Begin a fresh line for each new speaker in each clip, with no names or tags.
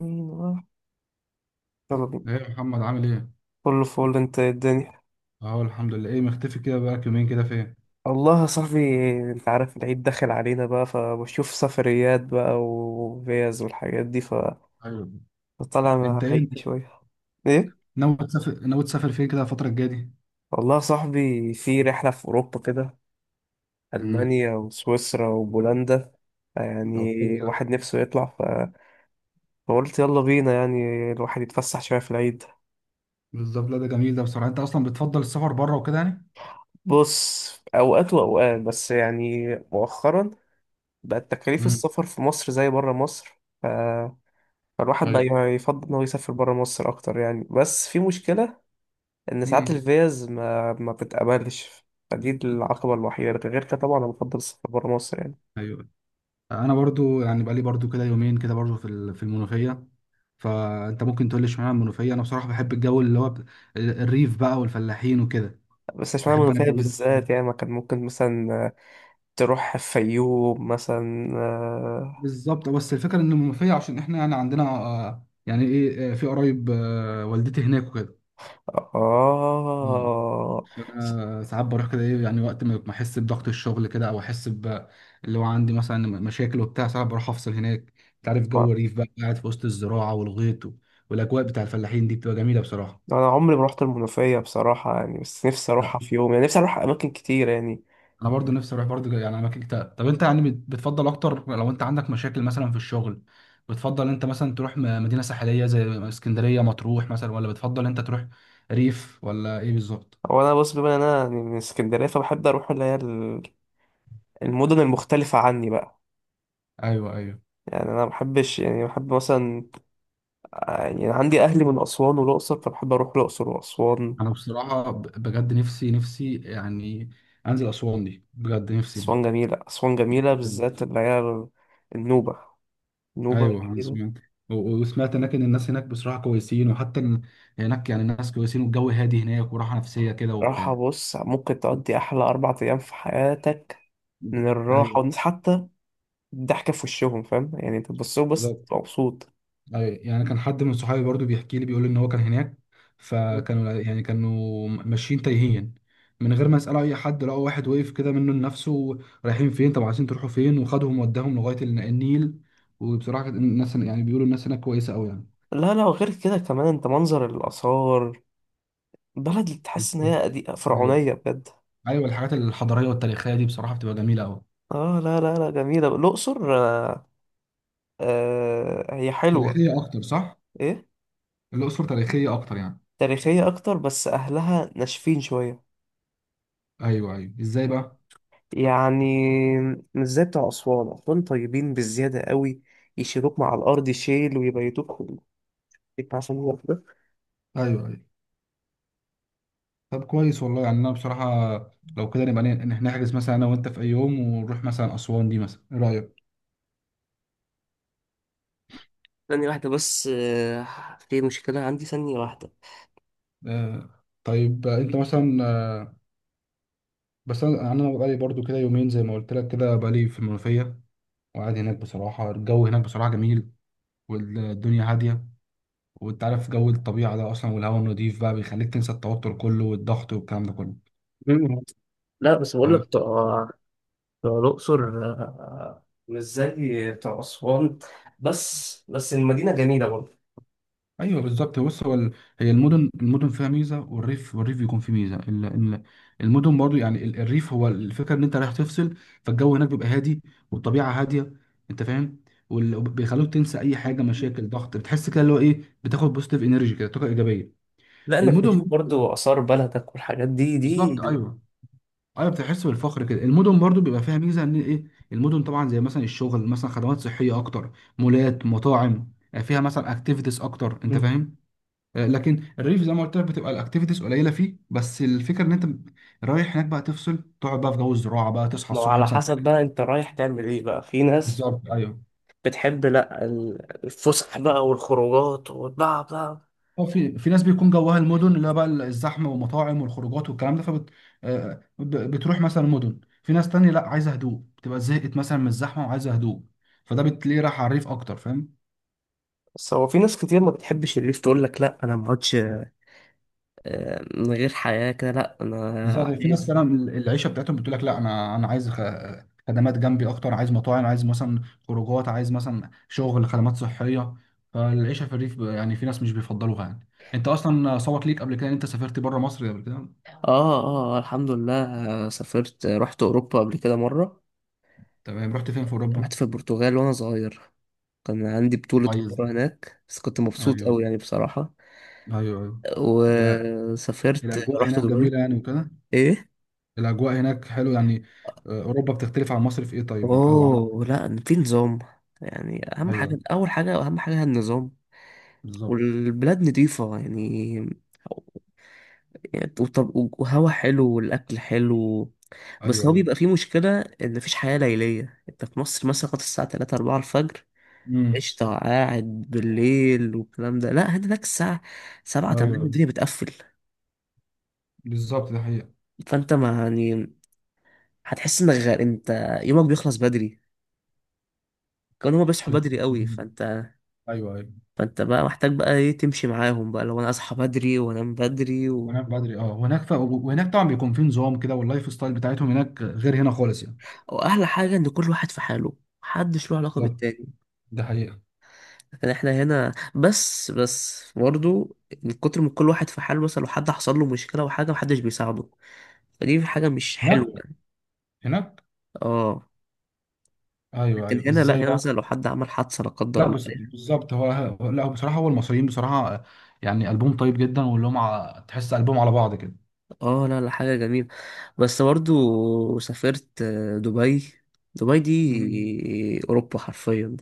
ايوه، يلا بينا.
ايه يا محمد عامل ايه؟
كله فول، انت إيه الدنيا؟
اهو الحمد لله. ايه مختفي كده بقالك يومين كده فين؟
والله يا صاحبي، انت عارف العيد داخل علينا بقى، فبشوف سفريات بقى وفيز والحاجات دي فطلع
ايوه. انت
مع
ايه انت
عيدي شوية. ايه،
ناوي تسافر فين كده الفترة الجاية دي؟
والله يا صاحبي، في رحلة في أوروبا كده،
امم.
ألمانيا وسويسرا وبولندا
طب
يعني.
حلو ده.
واحد نفسه يطلع فقلت يلا بينا يعني، الواحد يتفسح شوية في العيد.
بالظبط، لا ده جميل ده بصراحة. انت اصلا بتفضل السفر بره وكده يعني؟
بص، أوقات وأوقات، بس يعني مؤخرا بقت تكاليف
امم.
السفر في مصر زي برا مصر، فالواحد بقى
ايوه.
يفضل إنه يسافر برا مصر أكتر يعني. بس في مشكلة إن ساعات
امم.
الفيز ما بتتقبلش، فدي العقبة الوحيدة، لكن غير كده طبعا أنا بفضل السفر برا مصر يعني.
ايوه، انا برضو يعني بقالي برضو كده يومين كده برضو في في المنوفية. فانت ممكن تقول لي اشمعنى المنوفية؟ انا بصراحة بحب الجو اللي هو الريف بقى والفلاحين وكده.
بس عشان أنا
بحب انا
منوفية
الجو ده.
بالذات، يعني ما كان ممكن مثلا تروح الفيوم مثلا. آه،
بالظبط، بس الفكره ان المنوفيه عشان احنا يعني عندنا آه، يعني ايه آه، في قرايب آه، والدتي هناك وكده. مم.
آه،
انا ساعات بروح كده، ايه يعني وقت ما احس بضغط الشغل كده، او احس ب اللي هو عندي مثلا مشاكل وبتاع. ساعات بروح افصل هناك. انت عارف جو
آه.
الريف بقى، قاعد في وسط الزراعه والغيط والاجواء بتاع الفلاحين دي بتبقى جميله بصراحه.
أنا عمري ما رحت المنوفية بصراحة يعني، بس نفسي أروحها في يوم، يعني نفسي أروح أماكن كتير يعني.
انا برضو نفسي اروح برضو يعني اماكن كتير. طب انت يعني بتفضل اكتر لو انت عندك مشاكل مثلا في الشغل، بتفضل انت مثلا تروح مدينة ساحلية زي اسكندرية مطروح مثلا، ولا بتفضل انت تروح ريف، ولا ايه بالظبط؟
هو أنا بص، بما إن أنا يعني من اسكندرية، فبحب أروح اللي هي المدن المختلفة عني بقى.
ايوه ايوه.
يعني انا ما بحبش، يعني بحب مثلا، يعني أنا عندي اهلي من اسوان والاقصر، فبحب اروح الاقصر واسوان.
انا بصراحة بجد نفسي، نفسي يعني انزل اسوان دي. بجد نفسي يعني.
اسوان جميله، اسوان جميله بالذات اللي هي النوبه. النوبه
ايوه انا
جميله.
سمعت. وسمعت هناك ان الناس هناك بصراحة كويسين، وحتى إن هناك يعني الناس كويسين والجو هادي هناك، وراحة نفسية كده
راحه،
وبتاع.
بص ممكن تقضي احلى 4 ايام في حياتك من الراحه
ايوه.
والناس، حتى الضحكه في وشهم، فاهم يعني انت تبص لهم بس
بالظبط.
تبقى مبسوط.
أيوة، يعني كان حد من صحابي برضو بيحكي لي، بيقول ان هو كان هناك، فكانوا يعني كانوا ماشيين تايهين من غير ما يسالوا اي حد، لقوا واحد وقف كده منه لنفسه: رايحين فين؟ طب عايزين تروحوا فين؟ وخدهم وداهم لغايه النيل. وبصراحه كانت الناس يعني بيقولوا الناس هناك كويسه قوي يعني.
لا لا، وغير كده كمان، انت منظر الاثار، بلد اللي تحس ان هي
بالظبط.
قديمة
ايوه.
فرعونيه بجد.
ايوه، الحاجات الحضاريه والتاريخيه دي بصراحه بتبقى جميله قوي.
اه لا لا لا، جميله الاقصر. آه، آه هي حلوه.
تاريخيه اكتر، صح؟
ايه،
الاقصر تاريخيه اكتر يعني.
تاريخية أكتر، بس أهلها ناشفين شوية،
ايوه ايوه، ازاي بقى؟
يعني مش زي بتوع أسوان. أسوان طيبين بالزيادة قوي، يشيلوك مع الأرض شيل ويبيتوك في البيت عشان واحدة.
ايوه ايوه. طب كويس والله، يعني انا بصراحه لو كده نبقى إن نحجز مثلا انا وانت في اي يوم، ونروح مثلا اسوان دي مثلا، ايه رايك؟
ثانية واحدة بس، آه، في مشكلة عندي، ثانية واحدة.
آه. طيب آه، انت مثلا آه، بس انا بقالي برضو كده يومين زي ما قلت لك، كده بقالي في المنوفيه وقاعد هناك. بصراحه الجو هناك بصراحه جميل، والدنيا هاديه، وانت عارف جو الطبيعه ده اصلا والهواء النضيف بقى بيخليك تنسى التوتر كله والضغط والكلام ده كله.
مم. لا، بس بقول لك بتوع، الأقصر، آه، مش زي بتوع أسوان. بس المدينة جميلة برضه.
ايوه بالظبط. بص هو هي المدن، المدن فيها ميزه، والريف، والريف بيكون فيه ميزه ال- المدن برضو يعني الريف هو الفكره ان انت رايح تفصل، فالجو هناك بيبقى هادي والطبيعه هاديه، انت فاهم؟ وبيخلوك تنسى اي حاجه، مشاكل، ضغط، بتحس كده اللي هو ايه، بتاخد بوزيتيف انرجي كده، طاقه ايجابيه.
لأنك
المدن،
بتشوف برضه آثار بلدك والحاجات دي.
بالظبط، ايوه ايوه. بتحس بالفخر كده. المدن برضو بيبقى فيها ميزه ان ايه، المدن طبعا زي مثلا الشغل، مثلا خدمات صحيه اكتر، مولات، مطاعم، فيها مثلا اكتيفيتيز اكتر،
دي
انت فاهم؟ آه، لكن الريف زي ما قلت لك بتبقى الاكتيفيتيز قليله فيه، بس الفكره ان انت رايح هناك بقى تفصل، تقعد بقى في جو الزراعه بقى، تصحى
ما هو
الصبح
على
مثلا.
حسب بقى انت رايح تعمل ايه بقى. في ناس
بالظبط ايوه.
بتحب لا، الفسح بقى والخروجات، وبقى.
اه في في ناس بيكون جواها المدن اللي هي بقى الزحمه والمطاعم والخروجات والكلام ده، فبت آه، بتروح مثلا مدن. في ناس تانية لا عايزه هدوء، بتبقى زهقت مثلا من الزحمه وعايزه هدوء، فده بتلاقيه راح على الريف اكتر، فاهم؟
بس هو في ناس كتير ما بتحبش الليف، تقول لك لا انا ما اقعدش، آه، من غير حياة كده، لا
بالظبط،
انا
في ناس
عايز.
فعلا العيشه بتاعتهم بتقول لك لا انا، انا عايز خدمات جنبي اكتر، عايز مطاعم، عايز مثلا خروجات، عايز مثلا شغل، خدمات صحيه. فالعيشه في الريف يعني في ناس مش بيفضلوها يعني. انت اصلا سبق ليك قبل كده ان انت سافرت بره مصر قبل كده؟
اه، اه الحمد لله. آه، سافرت، آه، رحت اوروبا قبل كده مرة.
تمام، رحت فين في
رحت
اوروبا؟
في البرتغال وانا صغير، كان عندي بطولة
كويس.
كورة هناك، بس كنت مبسوط قوي
ايوه.
يعني بصراحة.
ايوه ايوه. لا،
وسافرت
الاجواء
رحت
هناك
دبي.
جميله يعني وكده.
ايه،
الاجواء هناك حلو يعني. آه، اوروبا بتختلف عن مصر في ايه طيب، او عن؟
اوه لا، في نظام. يعني اهم حاجه،
ايوه
اول حاجه، اهم حاجه هي النظام.
بالظبط.
والبلاد نظيفه يعني. يعني وهوا حلو والاكل حلو.
ايوه
بس هو
ايوه.
بيبقى فيه مشكله ان مفيش حياه ليليه. انت في مصر مثلا لغايه الساعه 3 4 الفجر
امم.
قشطه قاعد بالليل والكلام ده. لا هناك الساعه 7 8
ايوه
الدنيا بتقفل.
بالظبط ده.
فانت ما يعني، هتحس انك غير، انت يومك بيخلص بدري. كانوا هما بيصحوا
حقيقة.
بدري قوي.
ايوه ايوه.
فانت بقى محتاج بقى ايه، تمشي معاهم بقى، لو انا اصحى بدري وانام بدري و...
هناك بدري اه، وهناك ف... وهناك طبعا بيكون في نظام كده، واللايف ستايل بتاعتهم هناك غير هنا خالص يعني.
واحلى حاجه ان كل واحد في حاله، محدش له علاقه
لا،
بالتاني.
ده حقيقة.
لكن احنا هنا، بس برضه، من كتر ما كل واحد في حاله، مثلا لو حد حصل له مشكله وحاجه، محدش بيساعده. فدي حاجه مش حلوه
هناك،
يعني.
هناك.
اه.
ايوه
لكن
ايوه،
هنا لا،
ازاي
هنا
بقى؟
مثلا لو حد عمل حادثه لا قدر
لا
الله
بس
يعني.
بالظبط هو لا هو بصراحة هو المصريين بصراحة آه، يعني قلبهم طيب جدا، واللي هم تحس قلبهم على بعض كده.
اه لا لا، حاجه جميله. بس برضه سافرت، آه، دبي. دبي
مم.
دي اوروبا حرفيا.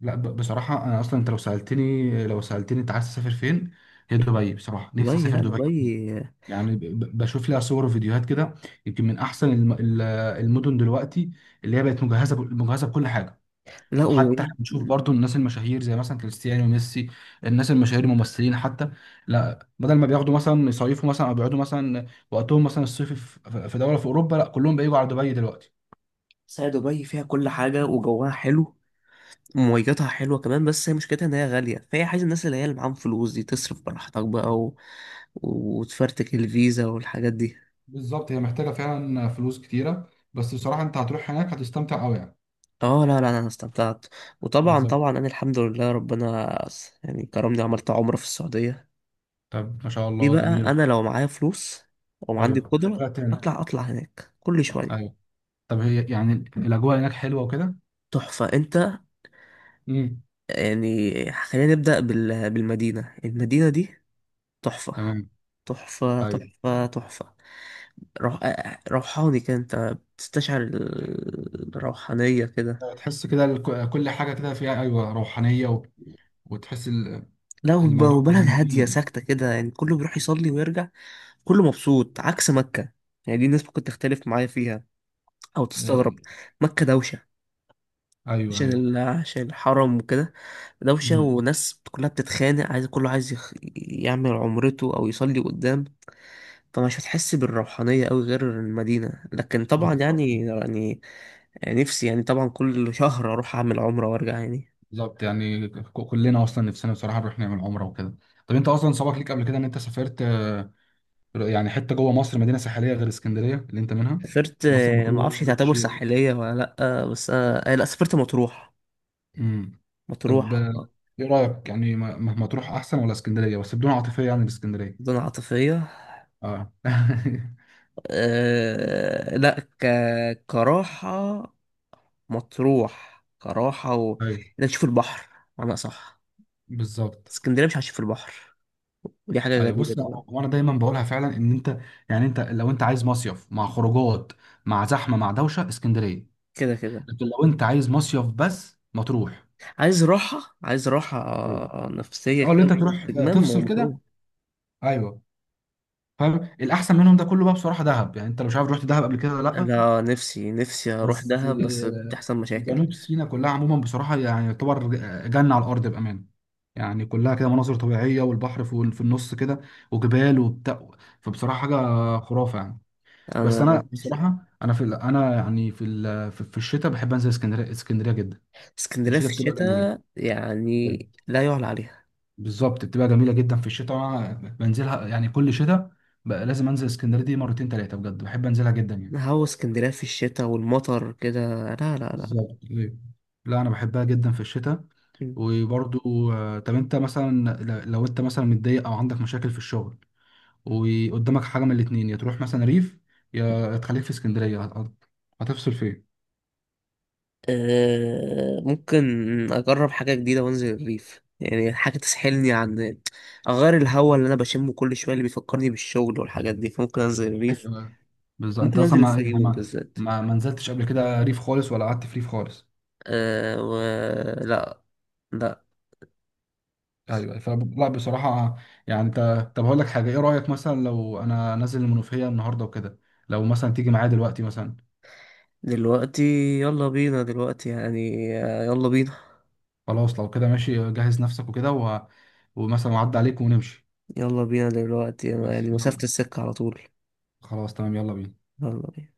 لا ب... بصراحة انا اصلا، انت لو سألتني، انت عايز تسافر فين، هي دبي. بصراحة نفسي
دبي
اسافر
لا
دبي
دبي.
يعني. ب... بشوف لها صور وفيديوهات كده. يمكن من احسن الم... المدن دلوقتي اللي هي بقت مجهزة ب... مجهزة بكل حاجة.
لا و...
وحتى احنا بنشوف برضو الناس المشاهير، زي مثلا كريستيانو وميسي، الناس المشاهير الممثلين حتى، لا بدل ما بياخدوا مثلا يصيفوا مثلا او بيقعدوا مثلا وقتهم مثلا الصيفي في دوله في اوروبا، لا كلهم بييجوا على دبي دلوقتي.
بس هي دبي فيها كل حاجة، وجوها حلو، ومواجهتها حلوة كمان. بس هي مشكلتها إن هي غالية، فهي عايزة الناس اللي هي اللي معاهم فلوس دي، تصرف براحتك بقى و... وتفرتك الفيزا والحاجات دي.
بالظبط، هي محتاجه فعلا فلوس كتيره، بس بصراحه انت هتروح هناك هتستمتع قوي يعني.
اه لا لا، انا استمتعت. وطبعا
بالظبط.
طبعا انا الحمد لله ربنا يعني كرمني، عملت عمرة في السعودية.
طب ما شاء
دي
الله،
بقى،
جميله.
انا لو معايا فلوس وعندي
ايوه
قدرة،
تبقى تاني.
اطلع اطلع هناك كل شوية.
ايوه. طب هي يعني الاجواء هناك حلوه وكده؟
تحفة انت،
امم.
يعني خلينا نبدأ بالمدينة. المدينة دي تحفة.
تمام.
تحفة
ايوه.
تحفة تحفة. روح... روحاني كده، انت بتستشعر الروحانية كده.
تحس كده كل حاجه كده فيها ايوه روحانيه، وتحس
لا،
الموضوع
وبلد
يعني
هادية
دي.
ساكتة كده، يعني كله بيروح يصلي ويرجع، كله مبسوط عكس مكة. يعني دي الناس ممكن تختلف معايا فيها أو تستغرب.
آه،
مكة دوشة،
ايوه ايوه.
عشان الحرم وكده. دوشة
مم.
وناس كلها بتتخانق، عايز كله، عايز يعمل عمرته أو يصلي قدام. فمش هتحس بالروحانية أوي غير المدينة. لكن طبعا
بالظبط.
يعني نفسي يعني طبعا كل شهر أروح أعمل عمرة وأرجع يعني.
بالظبط يعني كلنا اصلا نفسنا بصراحه نروح نعمل عمره وكده. طب انت اصلا سبق ليك قبل كده ان انت سافرت آه، يعني حته جوه مصر، مدينه ساحليه غير اسكندريه اللي انت منها؟
سافرت،
مصر،
آه، ما
مطروح،
اعرفش
شرم
تعتبر
الشيخ.
ساحليه ولا لا، آه، بس انا، آه، لا سافرت مطروح.
امم. طب
مطروح
آه، ايه رايك يعني مطروح احسن ولا اسكندريه، بس بدون عاطفيه يعني الاسكندريه؟
مدن عاطفيه.
اه
أه لا، كراحه. مطروح كراحه و...
ايوه
انك تشوف البحر انا، صح.
بالظبط.
اسكندريه مش هتشوف البحر، ودي حاجه
ايوه
غريبه
بص، لا
طبعا.
هو انا دايما بقولها فعلا ان انت، يعني انت لو انت عايز مصيف مع خروجات، مع زحمه، مع دوشه، اسكندريه.
كده كده،
لكن لو انت عايز مصيف بس، مطروح.
عايز راحه، عايز راحه،
ايوه.
آه، نفسيه
او اللي انت
كده
تروح آه،
استجمام،
تفصل
ومطروح.
كده. ايوه. فاهم. الاحسن منهم ده كله بقى بصراحه دهب، يعني انت لو مش عارف، رحت دهب قبل كده ولا لا؟
لا، نفسي نفسي اروح
بس
دهب، بس
آه،
بتحصل مشاكل.
جنوب سيناء كلها عموما بصراحه يعني يعتبر آه، جنه على الارض بامانه يعني. كلها كده مناظر طبيعيه، والبحر في النص كده، وجبال وبتاع. فبصراحه حاجه خرافه يعني. بس
انا
انا بصراحه، انا في انا يعني في في الشتاء بحب انزل اسكندريه، اسكندريه جدا.
اسكندرية
الشتاء
في
بتبقى جميله
الشتاء يعني؟
بجد.
لا يعلى عليها.
بالظبط بتبقى جميله جدا في الشتاء. وانا بنزلها يعني كل شتاء بقى، لازم انزل اسكندريه دي مرتين ثلاثه، بجد بحب انزلها جدا يعني.
هو اسكندرية في الشتاء والمطر كده، لا لا لا لا.
بالظبط ايوه. لا انا بحبها جدا في الشتاء.
م.
وبرضو آه، طب انت مثلا لو انت مثلا متضايق او عندك مشاكل في الشغل، وقدامك حاجه من الاتنين، يا تروح مثلا ريف، يا تخليك في اسكندريه، هتفصل فين؟
أه ممكن أجرب حاجة جديدة وأنزل الريف، يعني حاجة تسحلني، عن، أغير الهوا اللي أنا بشمه كل شوية اللي بيفكرني بالشغل والحاجات دي، فممكن أنزل الريف.
ايوه بالظبط. انت
ممكن
اصلا
أنزل
ما يعني
الفيوم
ما
بالذات.
ما ما نزلتش قبل كده ريف خالص، ولا قعدت في ريف خالص؟
أه و... لا. لا.
ايوه. فلا بصراحه يعني انت، طب هقول لك حاجه: ايه رايك مثلا لو انا نازل المنوفيه النهارده وكده، لو مثلا تيجي معايا دلوقتي مثلا؟
دلوقتي، يلا بينا دلوقتي يعني، آه، يلا بينا.
خلاص، لو كده ماشي، جهز نفسك وكده و... ومثلا اعدي عليك ونمشي.
يلا بينا دلوقتي
بس
يعني، مسافة
يلا.
السكة على طول.
خلاص تمام، يلا بينا.
يلا بينا